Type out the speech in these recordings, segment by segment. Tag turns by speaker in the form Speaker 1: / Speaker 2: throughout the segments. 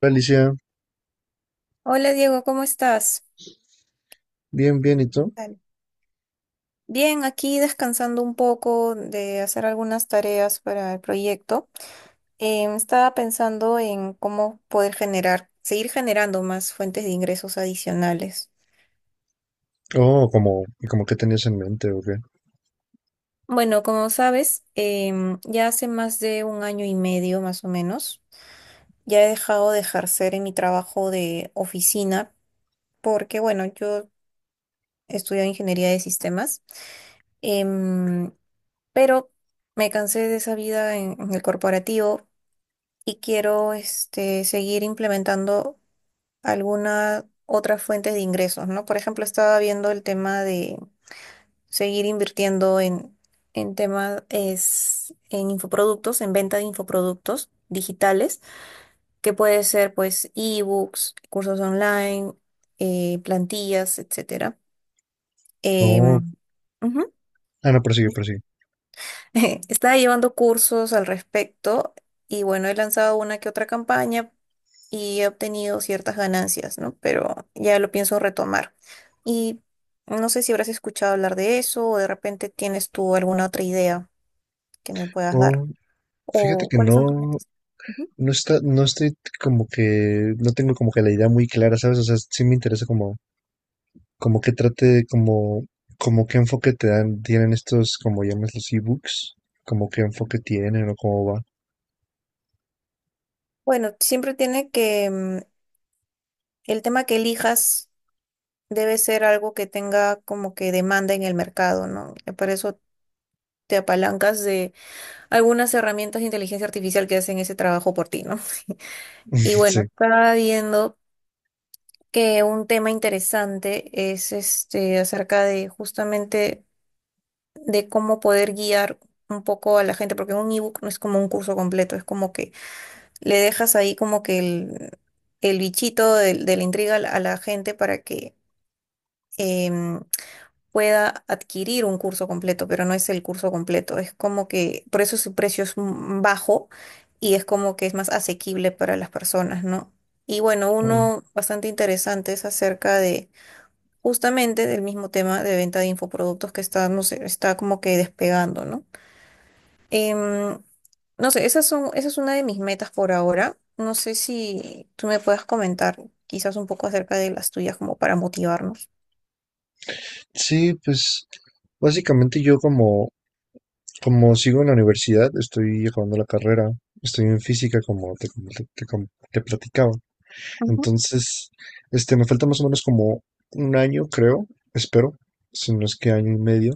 Speaker 1: Hola, Alicia,
Speaker 2: Hola Diego, ¿cómo estás?
Speaker 1: bien, bien, ¿y tú?
Speaker 2: Tal. Bien, aquí descansando un poco de hacer algunas tareas para el proyecto. Estaba pensando en cómo poder generar, seguir generando más fuentes de ingresos adicionales.
Speaker 1: Oh, como, ¿y como qué tenías en mente o qué?
Speaker 2: Bueno, como sabes, ya hace más de un año y medio más o menos, ya he dejado de ejercer en mi trabajo de oficina porque, bueno, yo estudio ingeniería de sistemas, em, pero me cansé de esa vida en el corporativo y quiero este, seguir implementando algunas otras fuentes de ingresos, ¿no? Por ejemplo, estaba viendo el tema de seguir invirtiendo en temas es, en infoproductos, en venta de infoproductos digitales, que puede ser pues ebooks, cursos online, plantillas, etcétera. Em,
Speaker 1: Oh,
Speaker 2: Ujú.
Speaker 1: ah, no, persigue, persigue.
Speaker 2: Estaba llevando cursos al respecto y bueno, he lanzado una que otra campaña y he obtenido ciertas ganancias, ¿no? Pero ya lo pienso retomar. Y no sé si habrás escuchado hablar de eso o de repente tienes tú alguna otra idea que me puedas dar
Speaker 1: Oh, fíjate
Speaker 2: o
Speaker 1: que
Speaker 2: cuáles son tus
Speaker 1: no,
Speaker 2: metas. Ujú.
Speaker 1: no estoy como que, no tengo como que la idea muy clara, ¿sabes? O sea, sí me interesa como, como qué trate, como, como qué enfoque te dan, tienen estos, como llamas los ebooks, como qué enfoque tienen o cómo va.
Speaker 2: Bueno, siempre tiene que el tema que elijas debe ser algo que tenga como que demanda en el mercado, ¿no? Y por eso te apalancas de algunas herramientas de inteligencia artificial que hacen ese trabajo por ti, ¿no? Y bueno,
Speaker 1: Sí.
Speaker 2: está viendo que un tema interesante es este acerca de justamente de cómo poder guiar un poco a la gente, porque un ebook no es como un curso completo, es como que le dejas ahí como que el bichito la intriga a la gente para que em, pueda adquirir un curso completo, pero no es el curso completo, es como que por eso su precio es bajo y es como que es más asequible para las personas, ¿no? Y bueno,
Speaker 1: Mm,
Speaker 2: uno bastante interesante es acerca de justamente del mismo tema de venta de infoproductos que está, no sé, está como que despegando, ¿no? Em, no sé, esa es una de mis metas por ahora. No sé si tú me puedas comentar quizás un poco acerca de las tuyas como para motivarnos.
Speaker 1: sí, pues básicamente yo como, como sigo en la universidad, estoy acabando la carrera, estoy en física como te platicaba.
Speaker 2: Ujú,
Speaker 1: Entonces, me falta más o menos como un año, creo, espero, si no es que año y medio.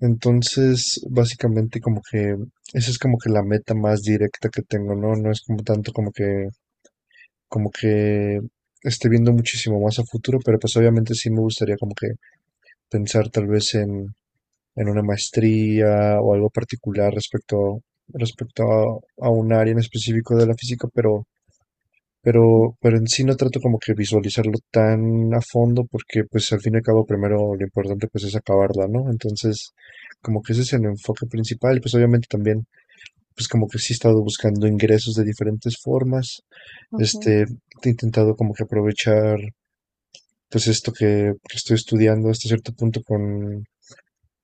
Speaker 1: Entonces, básicamente como que esa es como que la meta más directa que tengo, ¿no? No es como tanto como que esté viendo muchísimo más a futuro, pero pues obviamente sí me gustaría como que pensar tal vez en una maestría o algo particular respecto, respecto a un área en específico de la física, pero en sí no trato como que visualizarlo tan a fondo porque pues al fin y al cabo primero lo importante pues es acabarla, ¿no? Entonces como que ese es el enfoque principal y pues obviamente también pues como que sí he estado buscando ingresos de diferentes formas.
Speaker 2: ujú.
Speaker 1: Este, he intentado como que aprovechar pues esto que estoy estudiando hasta cierto punto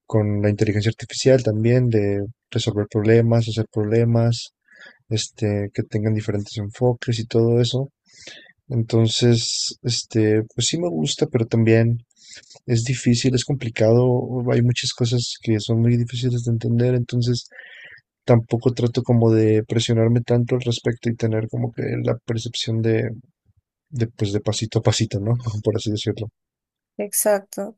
Speaker 1: con la inteligencia artificial también, de resolver problemas, hacer problemas, que tengan diferentes enfoques y todo eso. Entonces, pues sí me gusta, pero también es difícil, es complicado, hay muchas cosas que son muy difíciles de entender, entonces tampoco trato como de presionarme tanto al respecto y tener como que la percepción pues de pasito a pasito, ¿no? Por así decirlo.
Speaker 2: Exacto.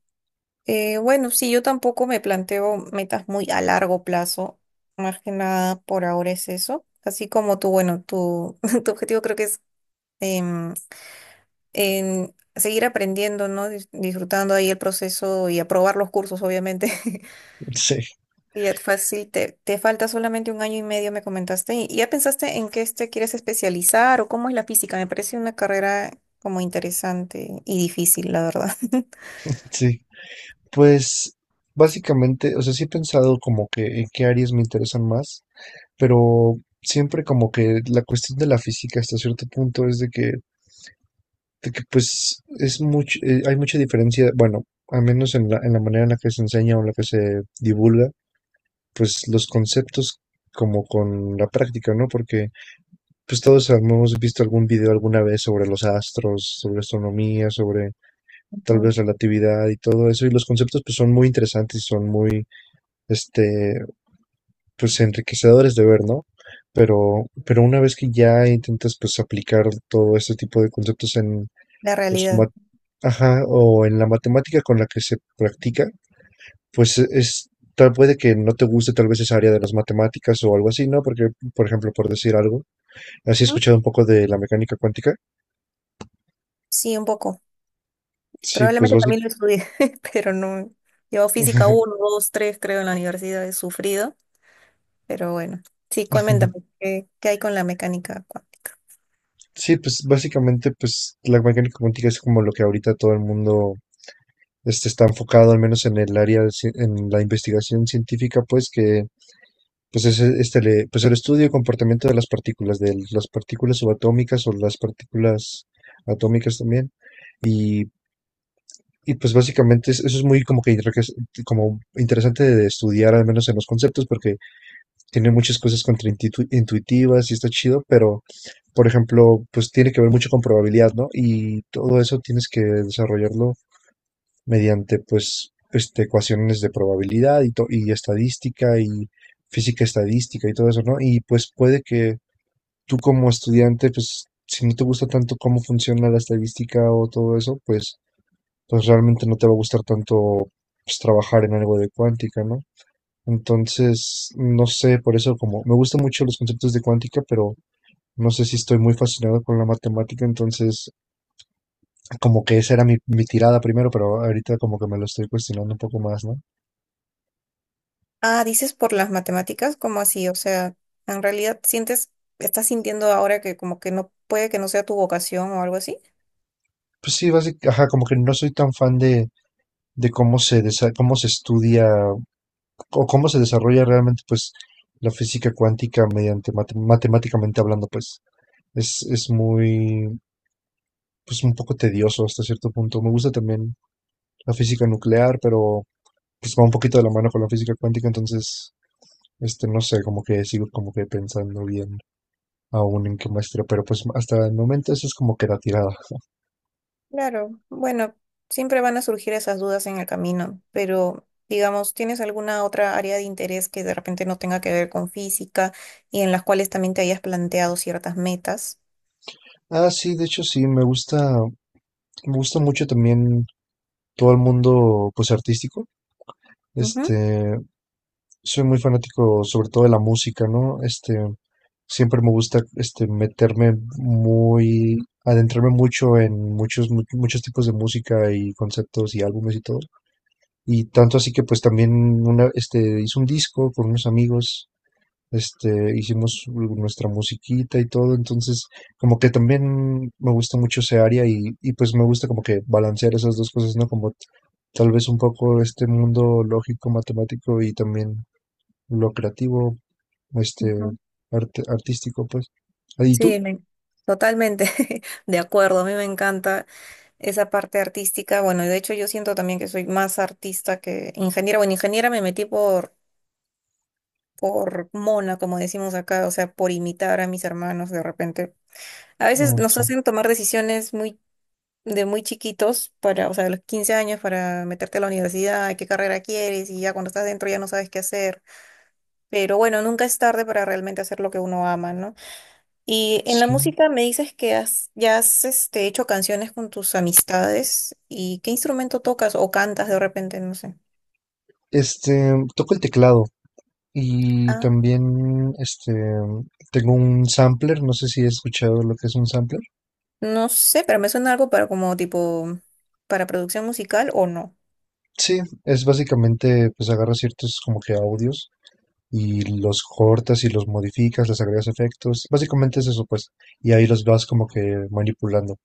Speaker 2: Bueno, sí, yo tampoco me planteo metas muy a largo plazo. Más que nada por ahora es eso. Así como tú, tu objetivo creo que es em, en seguir aprendiendo, ¿no? Disfrutando ahí el proceso y aprobar los cursos, obviamente.
Speaker 1: Sí,
Speaker 2: Y ya fácil, te falta solamente un año y medio, me comentaste. ¿Y ya pensaste en qué te quieres especializar o cómo es la física? Me parece una carrera como interesante y difícil, la verdad.
Speaker 1: sí. Pues básicamente, o sea, sí he pensado como que en qué áreas me interesan más, pero siempre como que la cuestión de la física hasta cierto punto es de que pues es mucho, hay mucha diferencia, bueno, al menos en la manera en la que se enseña o en la que se divulga. Pues los conceptos como con la práctica, ¿no? Porque pues todos hemos visto algún video alguna vez sobre los astros, sobre astronomía, sobre tal
Speaker 2: Ujú.
Speaker 1: vez relatividad y todo eso, y los conceptos pues son muy interesantes y son muy, este, pues enriquecedores de ver, ¿no? Pero una vez que ya intentas pues aplicar todo este tipo de conceptos en,
Speaker 2: La
Speaker 1: pues,
Speaker 2: realidad.
Speaker 1: ajá, o en la matemática con la que se practica, pues, es tal puede que no te guste tal vez esa área de las matemáticas o algo así, ¿no? Porque, por ejemplo, por decir algo, ¿has
Speaker 2: ¿Mm?
Speaker 1: escuchado un poco de la mecánica cuántica?
Speaker 2: Sí, un poco.
Speaker 1: Sí, pues
Speaker 2: Probablemente
Speaker 1: básic
Speaker 2: también lo estudié, pero no. Llevo física uno, 2, 3, creo, en la universidad. He sufrido, pero bueno. Sí, coméntame, qué hay con la mecánica cuántica?
Speaker 1: sí, pues básicamente, pues la mecánica cuántica es como lo que ahorita todo el mundo, está enfocado, al menos en el área de cien en la investigación científica, pues que, pues es, este, le pues el estudio y comportamiento de las partículas subatómicas o las partículas atómicas también. Y Y pues básicamente eso es muy como que, creo como interesante de estudiar, al menos en los conceptos, porque tiene muchas cosas contraintuitivas y está chido, pero por ejemplo, pues tiene que ver mucho con probabilidad, ¿no? Y todo eso tienes que desarrollarlo mediante pues ecuaciones de probabilidad y, y estadística y física estadística y todo eso, ¿no? Y pues puede que tú como estudiante, pues si no te gusta tanto cómo funciona la estadística o todo eso, pues pues realmente no te va a gustar tanto pues, trabajar en algo de cuántica, ¿no? Entonces, no sé, por eso como me gustan mucho los conceptos de cuántica, pero no sé si estoy muy fascinado con la matemática, entonces como que esa era mi, mi tirada primero, pero ahorita como que me lo estoy cuestionando un poco más, ¿no?
Speaker 2: Ah, dices por las matemáticas, ¿cómo así? O sea, en realidad sientes, estás sintiendo ahora que como que no puede que no sea tu vocación o algo así.
Speaker 1: Pues sí, básicamente, ajá, como que no soy tan fan de cómo cómo se estudia o cómo se desarrolla realmente pues la física cuántica mediante matemáticamente hablando, pues es muy pues un poco tedioso hasta cierto punto. Me gusta también la física nuclear, pero pues va un poquito de la mano con la física cuántica, entonces, no sé, como que sigo como que pensando bien aún en qué maestría, pero pues hasta el momento eso es como que la tirada.
Speaker 2: Claro, bueno, siempre van a surgir esas dudas en el camino, pero digamos, ¿tienes alguna otra área de interés que de repente no tenga que ver con física y en las cuales también te hayas planteado ciertas metas?
Speaker 1: Ah, sí, de hecho sí, me gusta mucho también todo el mundo, pues artístico.
Speaker 2: Ujú,
Speaker 1: Este, soy muy fanático sobre todo de la música, ¿no? Siempre me gusta este meterme muy, adentrarme mucho en muchos muchos tipos de música y conceptos y álbumes y todo. Y tanto así que pues también una este hice un disco con unos amigos, este hicimos nuestra musiquita y todo, entonces como que también me gusta mucho ese área y pues me gusta como que balancear esas dos cosas, ¿no? Como tal vez un poco este mundo lógico, matemático y también lo creativo, este,
Speaker 2: ujú.
Speaker 1: artístico, pues. Ah, ¿y tú?
Speaker 2: Sí, totalmente de acuerdo. A mí me encanta esa parte artística. Bueno, y de hecho yo siento también que soy más artista que ingeniera. Bueno, ingeniera me metí por mona, como decimos acá, o sea, por imitar a mis hermanos de repente. A veces
Speaker 1: No
Speaker 2: nos
Speaker 1: sí.
Speaker 2: hacen tomar decisiones muy de muy chiquitos para, o sea, de los 15 años para meterte a la universidad, qué carrera quieres y ya cuando estás dentro ya no sabes qué hacer. Pero bueno, nunca es tarde para realmente hacer lo que uno ama, ¿no? Y en la
Speaker 1: Sí.
Speaker 2: música me dices que ya has este, hecho canciones con tus amistades. ¿Y qué instrumento tocas o cantas de repente? No sé.
Speaker 1: Toco el teclado y
Speaker 2: Ah,
Speaker 1: también, tengo un sampler, no sé si he escuchado lo que es un sampler.
Speaker 2: no sé, pero me suena algo para como tipo para producción musical o no.
Speaker 1: Sí, es básicamente, pues agarras ciertos como que audios y los cortas y los modificas, les agregas efectos. Básicamente es eso, pues. Y ahí los vas como que manipulando.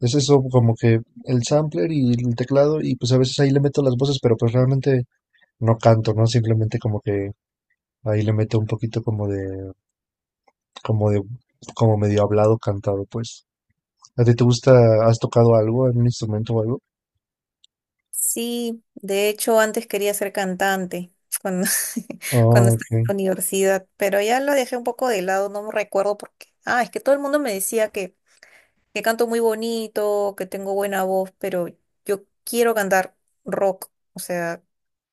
Speaker 1: Es eso como que el sampler y el teclado y pues a veces ahí le meto las voces, pero pues realmente no canto, ¿no? Simplemente como que ahí le meto un poquito como de, como medio hablado cantado, pues. ¿A ti te gusta, has tocado algo, algún instrumento o algo?
Speaker 2: Sí, de hecho antes quería ser cantante cuando,
Speaker 1: Ah,
Speaker 2: cuando
Speaker 1: ok,
Speaker 2: estaba en la universidad, pero ya lo dejé un poco de lado, no me recuerdo por qué. Ah, es que todo el mundo me decía que canto muy bonito, que tengo buena voz, pero yo quiero cantar rock, o sea,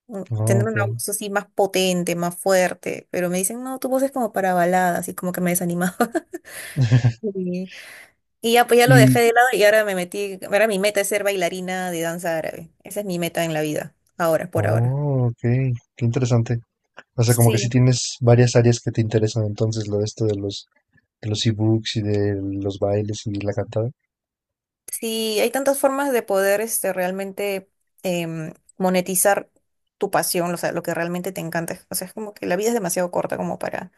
Speaker 1: ah,
Speaker 2: tener
Speaker 1: ok.
Speaker 2: una voz así más potente, más fuerte, pero me dicen, no, tu voz es como para baladas y como que me desanimaba. Y, y ya, pues ya lo dejé
Speaker 1: Y,
Speaker 2: de lado y ahora me metí, ahora mi meta es ser bailarina de danza árabe. Esa es mi meta en la vida, ahora, por ahora.
Speaker 1: oh, ok, qué interesante. O sea, como que sí
Speaker 2: Sí,
Speaker 1: tienes varias áreas que te interesan entonces, lo de esto de los ebooks y de los bailes y la cantada.
Speaker 2: sí, hay tantas formas de poder este, realmente monetizar tu pasión, o sea, lo que realmente te encanta. O sea, es como que la vida es demasiado corta como para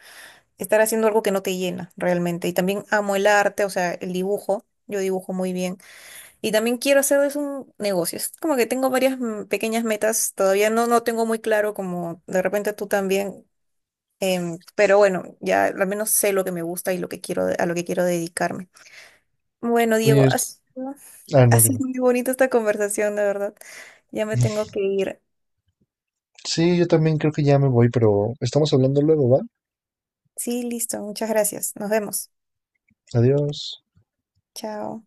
Speaker 2: estar haciendo algo que no te llena realmente. Y también amo el arte, o sea, el dibujo. Yo dibujo muy bien. Y también quiero hacer de eso un negocio. Es como que tengo varias pequeñas metas. Todavía no, no tengo muy claro como de repente tú también. Pero bueno, ya al menos sé lo que me gusta y lo que quiero, a lo que quiero dedicarme. Bueno, Diego,
Speaker 1: Oye, ah,
Speaker 2: ha
Speaker 1: no, dime.
Speaker 2: sido muy bonita esta conversación, de verdad. Ya me tengo que ir.
Speaker 1: Sí, yo también creo que ya me voy, pero estamos hablando luego, ¿va?
Speaker 2: Sí, listo. Muchas gracias. Nos vemos.
Speaker 1: Adiós.
Speaker 2: Chao.